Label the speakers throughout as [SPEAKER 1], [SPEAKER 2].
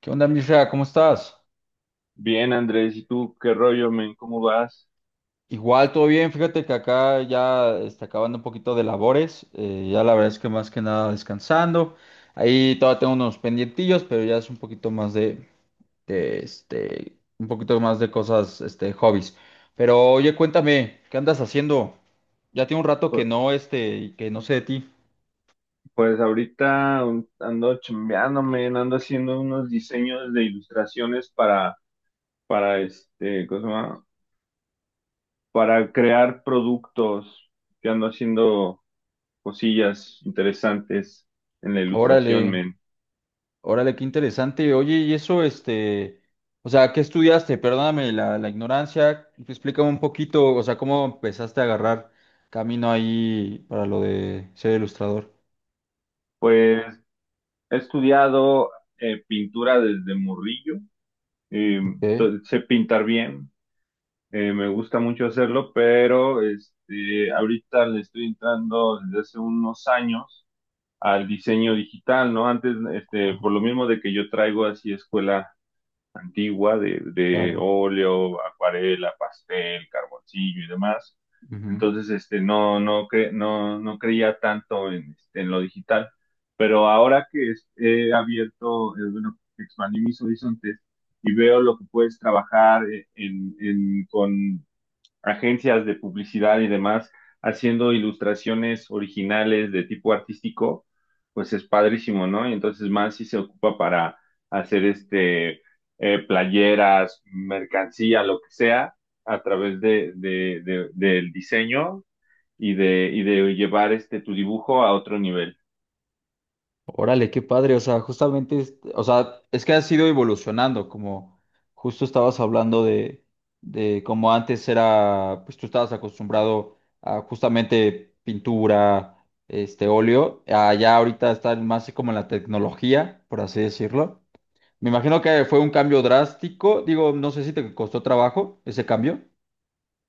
[SPEAKER 1] ¿Qué onda, Mirza? ¿Cómo estás?
[SPEAKER 2] Bien, Andrés, ¿y tú qué rollo, men? ¿Cómo vas?
[SPEAKER 1] Igual, todo bien. Fíjate que acá ya está acabando un poquito de labores. Ya la verdad es que más que nada descansando. Ahí todavía tengo unos pendientillos, pero ya es un poquito más de, este, un poquito más de cosas, este, hobbies. Pero oye, cuéntame, ¿qué andas haciendo? Ya tiene un rato que
[SPEAKER 2] Pu-
[SPEAKER 1] no, este, que no sé de ti.
[SPEAKER 2] Pues ahorita ando chambeando, men, ando haciendo unos diseños de ilustraciones para ¿cómo se llama? Para crear productos, que ando haciendo cosillas interesantes en la
[SPEAKER 1] Órale.
[SPEAKER 2] ilustración, men.
[SPEAKER 1] Órale, qué interesante. Oye, y eso, este, o sea, ¿qué estudiaste? Perdóname la ignorancia. Explícame un poquito, o sea, ¿cómo empezaste a agarrar camino ahí para lo de ser ilustrador?
[SPEAKER 2] Pues he estudiado pintura desde morrillo. eh,
[SPEAKER 1] Ok,
[SPEAKER 2] Sé pintar bien. Me gusta mucho hacerlo, pero este, ahorita le estoy entrando desde hace unos años al diseño digital, ¿no? Antes, este,
[SPEAKER 1] ajá,
[SPEAKER 2] por lo mismo de que yo traigo así escuela antigua de
[SPEAKER 1] claro.
[SPEAKER 2] óleo, acuarela, pastel, carboncillo y demás. Entonces, este, no creía tanto en, este, en lo digital, pero ahora he abierto, bueno, expandí mis horizontes y veo lo que puedes trabajar con agencias de publicidad y demás haciendo ilustraciones originales de tipo artístico. Pues es padrísimo, ¿no? Y entonces más si se ocupa para hacer playeras, mercancía, lo que sea, a través del diseño y de llevar este tu dibujo a otro nivel.
[SPEAKER 1] Órale, qué padre, o sea, justamente, o sea, es que has ido evolucionando, como justo estabas hablando de cómo antes era, pues tú estabas acostumbrado a justamente pintura, este óleo, allá ahorita están más como en la tecnología, por así decirlo. Me imagino que fue un cambio drástico, digo, no sé si te costó trabajo ese cambio.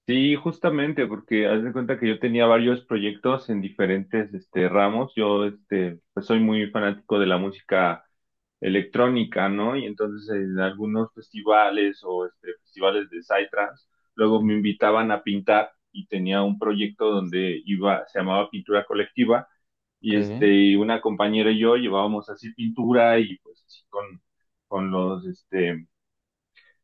[SPEAKER 2] Sí, justamente, porque haz de cuenta que yo tenía varios proyectos en diferentes este, ramos. Yo este, pues soy muy fanático de la música electrónica, ¿no? Y entonces en algunos festivales o este, festivales de Psytrance, luego me
[SPEAKER 1] Ujú.
[SPEAKER 2] invitaban a pintar y tenía un proyecto donde iba, se llamaba Pintura Colectiva,
[SPEAKER 1] Ok.
[SPEAKER 2] y este, una compañera y yo llevábamos así pintura y pues así con los, este,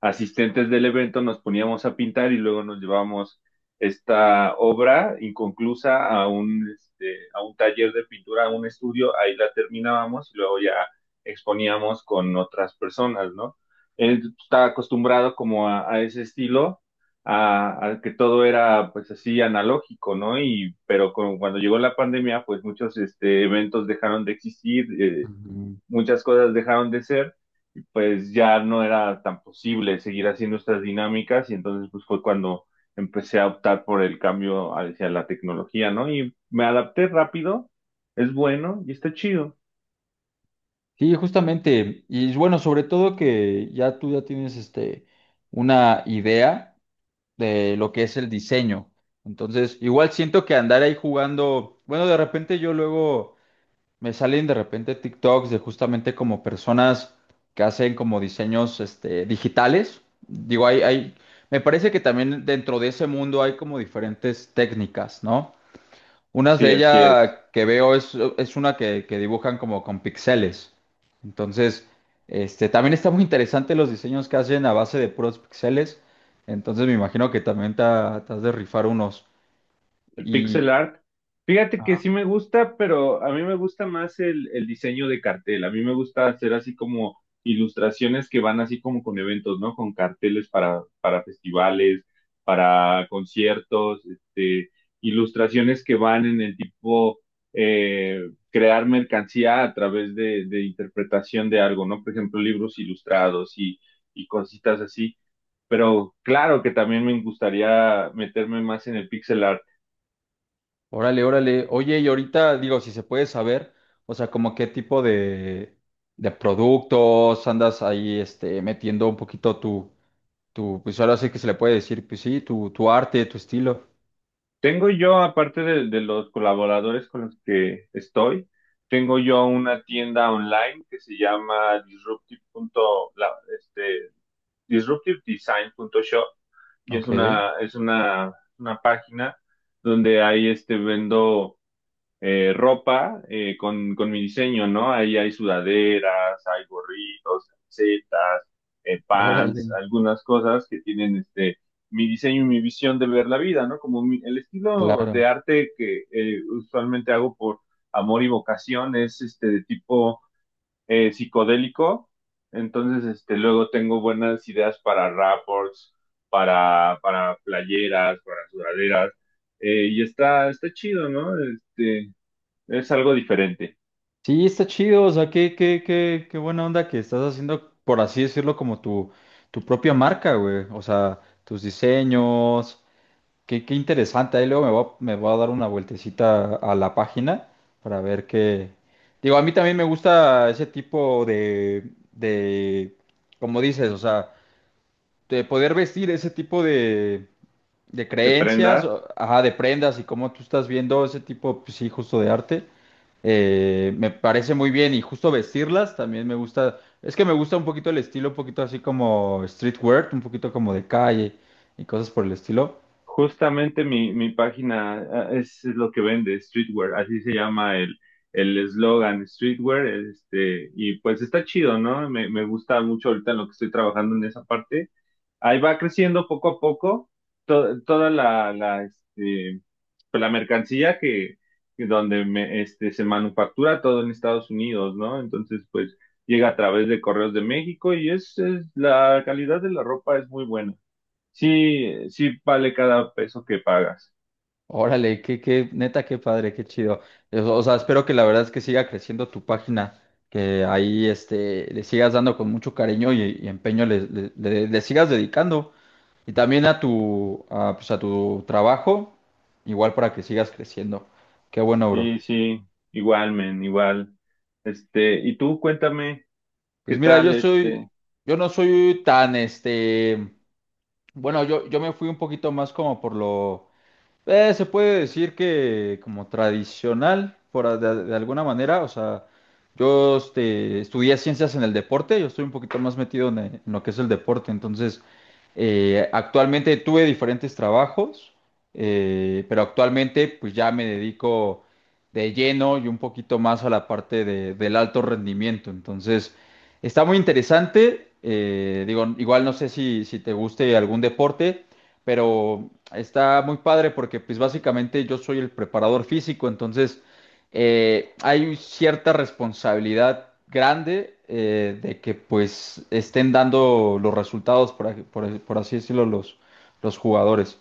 [SPEAKER 2] asistentes del evento nos poníamos a pintar y luego nos llevábamos esta obra inconclusa a un taller de pintura, a un estudio, ahí la terminábamos y luego ya exponíamos con otras personas, ¿no? Él estaba acostumbrado como a ese estilo, que todo era pues así analógico, ¿no? Y pero cuando llegó la pandemia, pues muchos este, eventos dejaron de existir, muchas cosas dejaron de ser, y pues ya no era tan posible seguir haciendo estas dinámicas y entonces pues fue cuando empecé a optar por el cambio hacia la tecnología, ¿no? Y me adapté rápido, es bueno y está chido.
[SPEAKER 1] Sí, justamente. Y bueno, sobre todo que ya tú ya tienes este una idea de lo que es el diseño. Entonces, igual siento que andar ahí jugando, bueno, de repente yo luego me salen de repente TikToks de justamente como personas que hacen como diseños este digitales. Digo, hay, me parece que también dentro de ese mundo hay como diferentes técnicas, ¿no? Unas de
[SPEAKER 2] Sí, así es.
[SPEAKER 1] ella que veo es una que dibujan como con pixeles. Entonces, este, también está muy interesante los diseños que hacen a base de puros pixeles. Entonces me imagino que también te has de rifar unos.
[SPEAKER 2] El
[SPEAKER 1] Y
[SPEAKER 2] pixel art. Fíjate que sí me gusta, pero a mí me gusta más el diseño de cartel. A mí me gusta hacer así como ilustraciones que van así como con eventos, ¿no? Con carteles para festivales, para conciertos, este, ilustraciones que van en el tipo eh, crear mercancía a través de interpretación de algo, ¿no? Por ejemplo, libros ilustrados y cositas así. Pero claro que también me gustaría meterme más en el pixel art.
[SPEAKER 1] órale, órale. Oye, y ahorita digo, si se puede saber, o sea, como qué tipo de productos andas ahí este, metiendo un poquito tu, tu, pues ahora sí que se le puede decir, pues sí, tu arte, tu estilo.
[SPEAKER 2] Tengo yo, aparte de los colaboradores con los que estoy, tengo yo una tienda online que se llama este, disruptivedesign.shop, y
[SPEAKER 1] Ok,
[SPEAKER 2] es una página donde ahí este, vendo ropa con mi diseño, ¿no? Ahí hay sudaderas, hay gorritos, camisetas,
[SPEAKER 1] órale,
[SPEAKER 2] pants, algunas cosas que tienen este mi diseño y mi visión de ver la vida, ¿no? Como el estilo de
[SPEAKER 1] claro.
[SPEAKER 2] arte que usualmente hago por amor y vocación es este de tipo psicodélico. Entonces, este, luego tengo buenas ideas para rapports, para playeras, para sudaderas. Y está chido, ¿no? Este, es algo diferente.
[SPEAKER 1] Sí, está chido, o sea, qué buena onda que estás haciendo, por así decirlo, como tu propia marca, güey. O sea, tus diseños, qué, qué interesante. Ahí luego me voy a dar una vueltecita a la página para ver qué. Digo, a mí también me gusta ese tipo de, como dices, o sea, de poder vestir ese tipo de
[SPEAKER 2] De prenda,
[SPEAKER 1] creencias, ajá, de prendas y cómo tú estás viendo ese tipo, pues sí, justo de arte. Me parece muy bien y justo vestirlas también me gusta. Es que me gusta un poquito el estilo, un poquito así como streetwear, un poquito como de calle y cosas por el estilo.
[SPEAKER 2] justamente mi página es lo que vende, streetwear, así se llama el eslogan streetwear, este, y pues está chido, ¿no? Me gusta mucho ahorita en lo que estoy trabajando en esa parte. Ahí va creciendo poco a poco toda pues, la mercancía que donde me, este, se manufactura todo en Estados Unidos, ¿no? Entonces, pues llega a través de correos de México y la calidad de la ropa es muy buena. Sí, sí vale cada peso que pagas.
[SPEAKER 1] Órale, qué, qué, neta, qué padre, qué chido. O sea, espero que la verdad es que siga creciendo tu página, que ahí este, le sigas dando con mucho cariño y empeño, le sigas dedicando. Y también a tu, a, pues a tu trabajo, igual para que sigas creciendo. Qué bueno, bro.
[SPEAKER 2] Sí, igual, men, igual. Este, y tú cuéntame,
[SPEAKER 1] Pues
[SPEAKER 2] ¿qué
[SPEAKER 1] mira,
[SPEAKER 2] tal
[SPEAKER 1] yo soy,
[SPEAKER 2] este?
[SPEAKER 1] yo no soy tan, este, bueno, yo me fui un poquito más como por lo se puede decir que como tradicional, de alguna manera, o sea, yo este, estudié ciencias en el deporte, yo estoy un poquito más metido en lo que es el deporte, entonces actualmente tuve diferentes trabajos, pero actualmente pues ya me dedico de lleno y un poquito más a la del alto rendimiento, entonces está muy interesante, digo, igual no sé si, si te guste algún deporte pero está muy padre porque pues básicamente yo soy el preparador físico, entonces hay cierta responsabilidad grande de que pues estén dando los resultados, por así decirlo, los jugadores.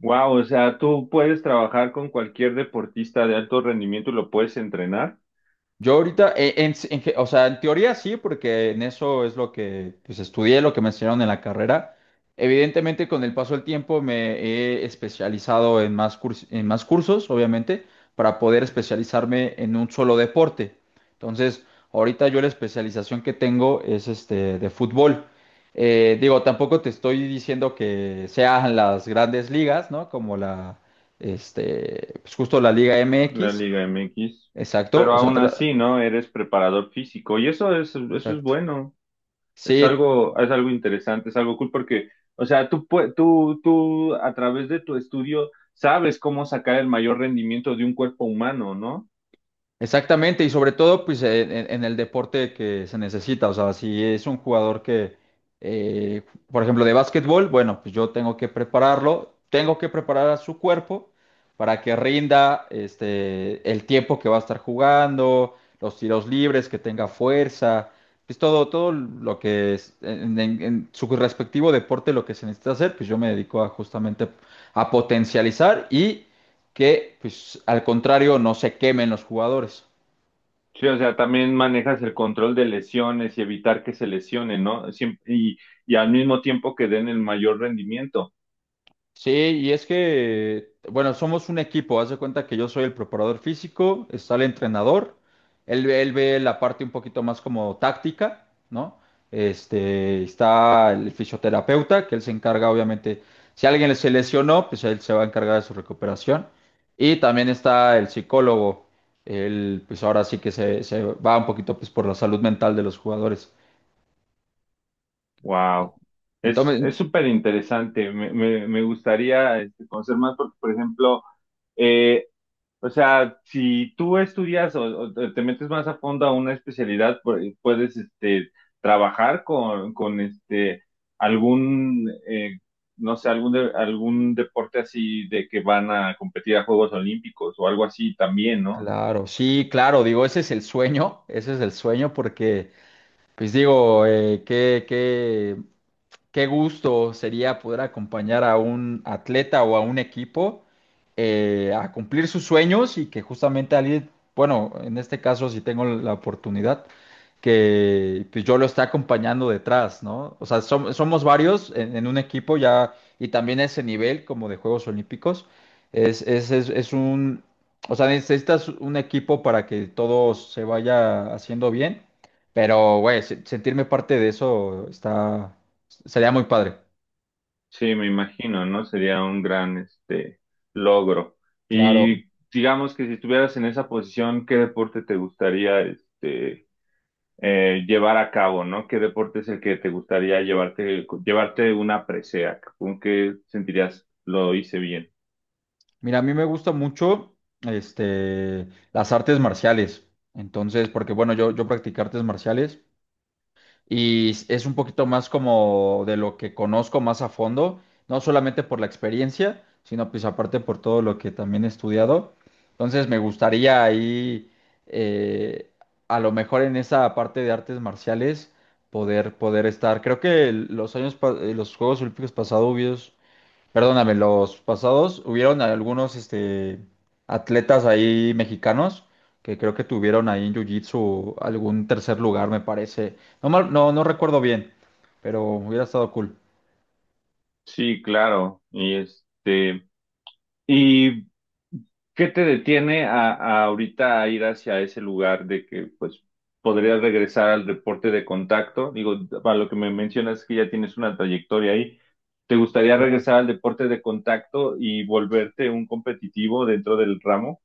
[SPEAKER 2] Wow, o sea, tú puedes trabajar con cualquier deportista de alto rendimiento y lo puedes entrenar.
[SPEAKER 1] Yo ahorita, en, o sea, en teoría sí, porque en eso es lo que pues, estudié, lo que me enseñaron en la carrera. Evidentemente, con el paso del tiempo me he especializado en más, en más cursos, obviamente, para poder especializarme en un solo deporte. Entonces, ahorita yo la especialización que tengo es este de fútbol. Digo, tampoco te estoy diciendo que sean las grandes ligas, ¿no? Como la, este, pues justo la Liga
[SPEAKER 2] La
[SPEAKER 1] MX,
[SPEAKER 2] Liga MX,
[SPEAKER 1] exacto,
[SPEAKER 2] pero
[SPEAKER 1] o sea,
[SPEAKER 2] aún así, ¿no? Eres preparador físico y eso es
[SPEAKER 1] exacto.
[SPEAKER 2] bueno. Es
[SPEAKER 1] Sí,
[SPEAKER 2] algo, es algo interesante, es algo cool porque, o sea, tú a través de tu estudio sabes cómo sacar el mayor rendimiento de un cuerpo humano, ¿no?
[SPEAKER 1] exactamente, y sobre todo pues en, en el deporte que se necesita, o sea, si es un jugador que, eh, por ejemplo, de básquetbol, bueno, pues yo tengo que prepararlo, tengo que preparar a su cuerpo para que rinda este, el tiempo que va a estar jugando, los tiros libres, que tenga fuerza, pues todo, todo lo que es en, en su respectivo deporte lo que se necesita hacer, pues yo me dedico a justamente a potencializar y que, pues, al contrario, no se quemen los jugadores.
[SPEAKER 2] Sí, o sea, también manejas el control de lesiones y evitar que se lesionen, ¿no? Y al mismo tiempo que den el mayor rendimiento.
[SPEAKER 1] Sí, y es que, bueno, somos un equipo. Haz de cuenta que yo soy el preparador físico, está el entrenador, él ve la parte un poquito más como táctica, ¿no? Este, está el fisioterapeuta, que él se encarga, obviamente, si alguien se lesionó, pues él se va a encargar de su recuperación. Y también está el psicólogo, él, pues ahora sí que se va un poquito, pues, por la salud mental de los jugadores.
[SPEAKER 2] Wow.
[SPEAKER 1] Entonces,
[SPEAKER 2] Es súper interesante. Me gustaría este, conocer más porque, por ejemplo, eh, o sea, si tú estudias o te metes más a fondo a una especialidad, puedes este, trabajar con este, algún, no sé, algún, algún deporte así de que van a competir a Juegos Olímpicos o algo así también, ¿no?
[SPEAKER 1] claro, sí, claro, digo, ese es el sueño, ese es el sueño porque, pues digo, qué gusto sería poder acompañar a un atleta o a un equipo a cumplir sus sueños y que justamente alguien, bueno, en este caso si tengo la oportunidad, que pues, yo lo esté acompañando detrás, ¿no? O sea, somos varios en un equipo ya y también ese nivel como de Juegos Olímpicos es un, o sea, necesitas un equipo para que todo se vaya haciendo bien, pero, güey, sentirme parte de eso está... Sería muy padre.
[SPEAKER 2] Sí, me imagino, ¿no? Sería un gran este, logro.
[SPEAKER 1] Claro.
[SPEAKER 2] Y digamos que si estuvieras en esa posición, ¿qué deporte te gustaría este, llevar a cabo, ¿no? ¿Qué deporte es el que te gustaría llevarte una presea? ¿Con qué sentirías lo hice bien?
[SPEAKER 1] Mira, a mí me gusta mucho este, las artes marciales. Entonces, porque bueno, yo practiqué artes marciales y es un poquito más como de lo que conozco más a fondo, no solamente por la experiencia, sino pues aparte por todo lo que también he estudiado. Entonces, me gustaría ahí, eh, a lo mejor en esa parte de artes marciales, poder estar. Creo que los años, los Juegos Olímpicos pasados perdóname, los pasados, hubieron algunos este, atletas ahí mexicanos que creo que tuvieron ahí en Jiu-Jitsu algún tercer lugar, me parece. No, no recuerdo bien, pero hubiera estado cool.
[SPEAKER 2] Sí, claro. Y este, ¿y qué te detiene a ahorita a ir hacia ese lugar de que pues podrías regresar al deporte de contacto? Digo, para lo que me mencionas que ya tienes una trayectoria ahí. ¿Te gustaría
[SPEAKER 1] Claro.
[SPEAKER 2] regresar al deporte de contacto y volverte un competitivo dentro del ramo?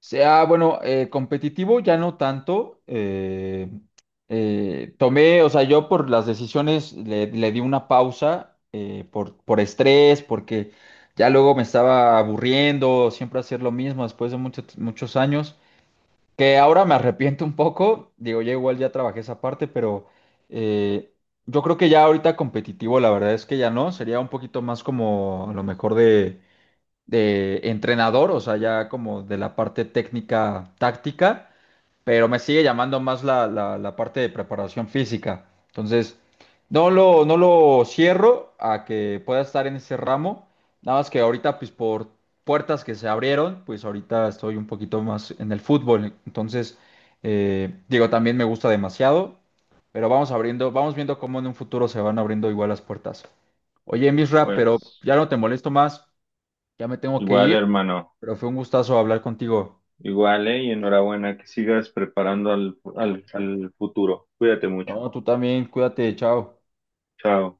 [SPEAKER 1] Sea, bueno, competitivo ya no tanto. Tomé, o sea, yo por las decisiones le di una pausa por estrés, porque ya luego me estaba aburriendo, siempre hacer lo mismo después de muchos años. Que ahora me arrepiento un poco, digo, ya igual ya trabajé esa parte, pero eh, yo creo que ya ahorita competitivo, la verdad es que ya no, sería un poquito más como a lo mejor de entrenador, o sea, ya como de la parte técnica, táctica, pero me sigue llamando más la, la parte de preparación física. Entonces, no lo cierro a que pueda estar en ese ramo, nada más que ahorita, pues por puertas que se abrieron, pues ahorita estoy un poquito más en el fútbol. Entonces, digo, también me gusta demasiado, pero vamos abriendo, vamos viendo cómo en un futuro se van abriendo igual las puertas. Oye, Misra, pero
[SPEAKER 2] Pues
[SPEAKER 1] ya no te molesto más, ya me tengo que
[SPEAKER 2] igual,
[SPEAKER 1] ir,
[SPEAKER 2] hermano.
[SPEAKER 1] pero fue un gustazo hablar contigo.
[SPEAKER 2] Igual, ¿eh? Y enhorabuena, que sigas preparando al futuro. Cuídate mucho.
[SPEAKER 1] No, tú también, cuídate, chao.
[SPEAKER 2] Chao.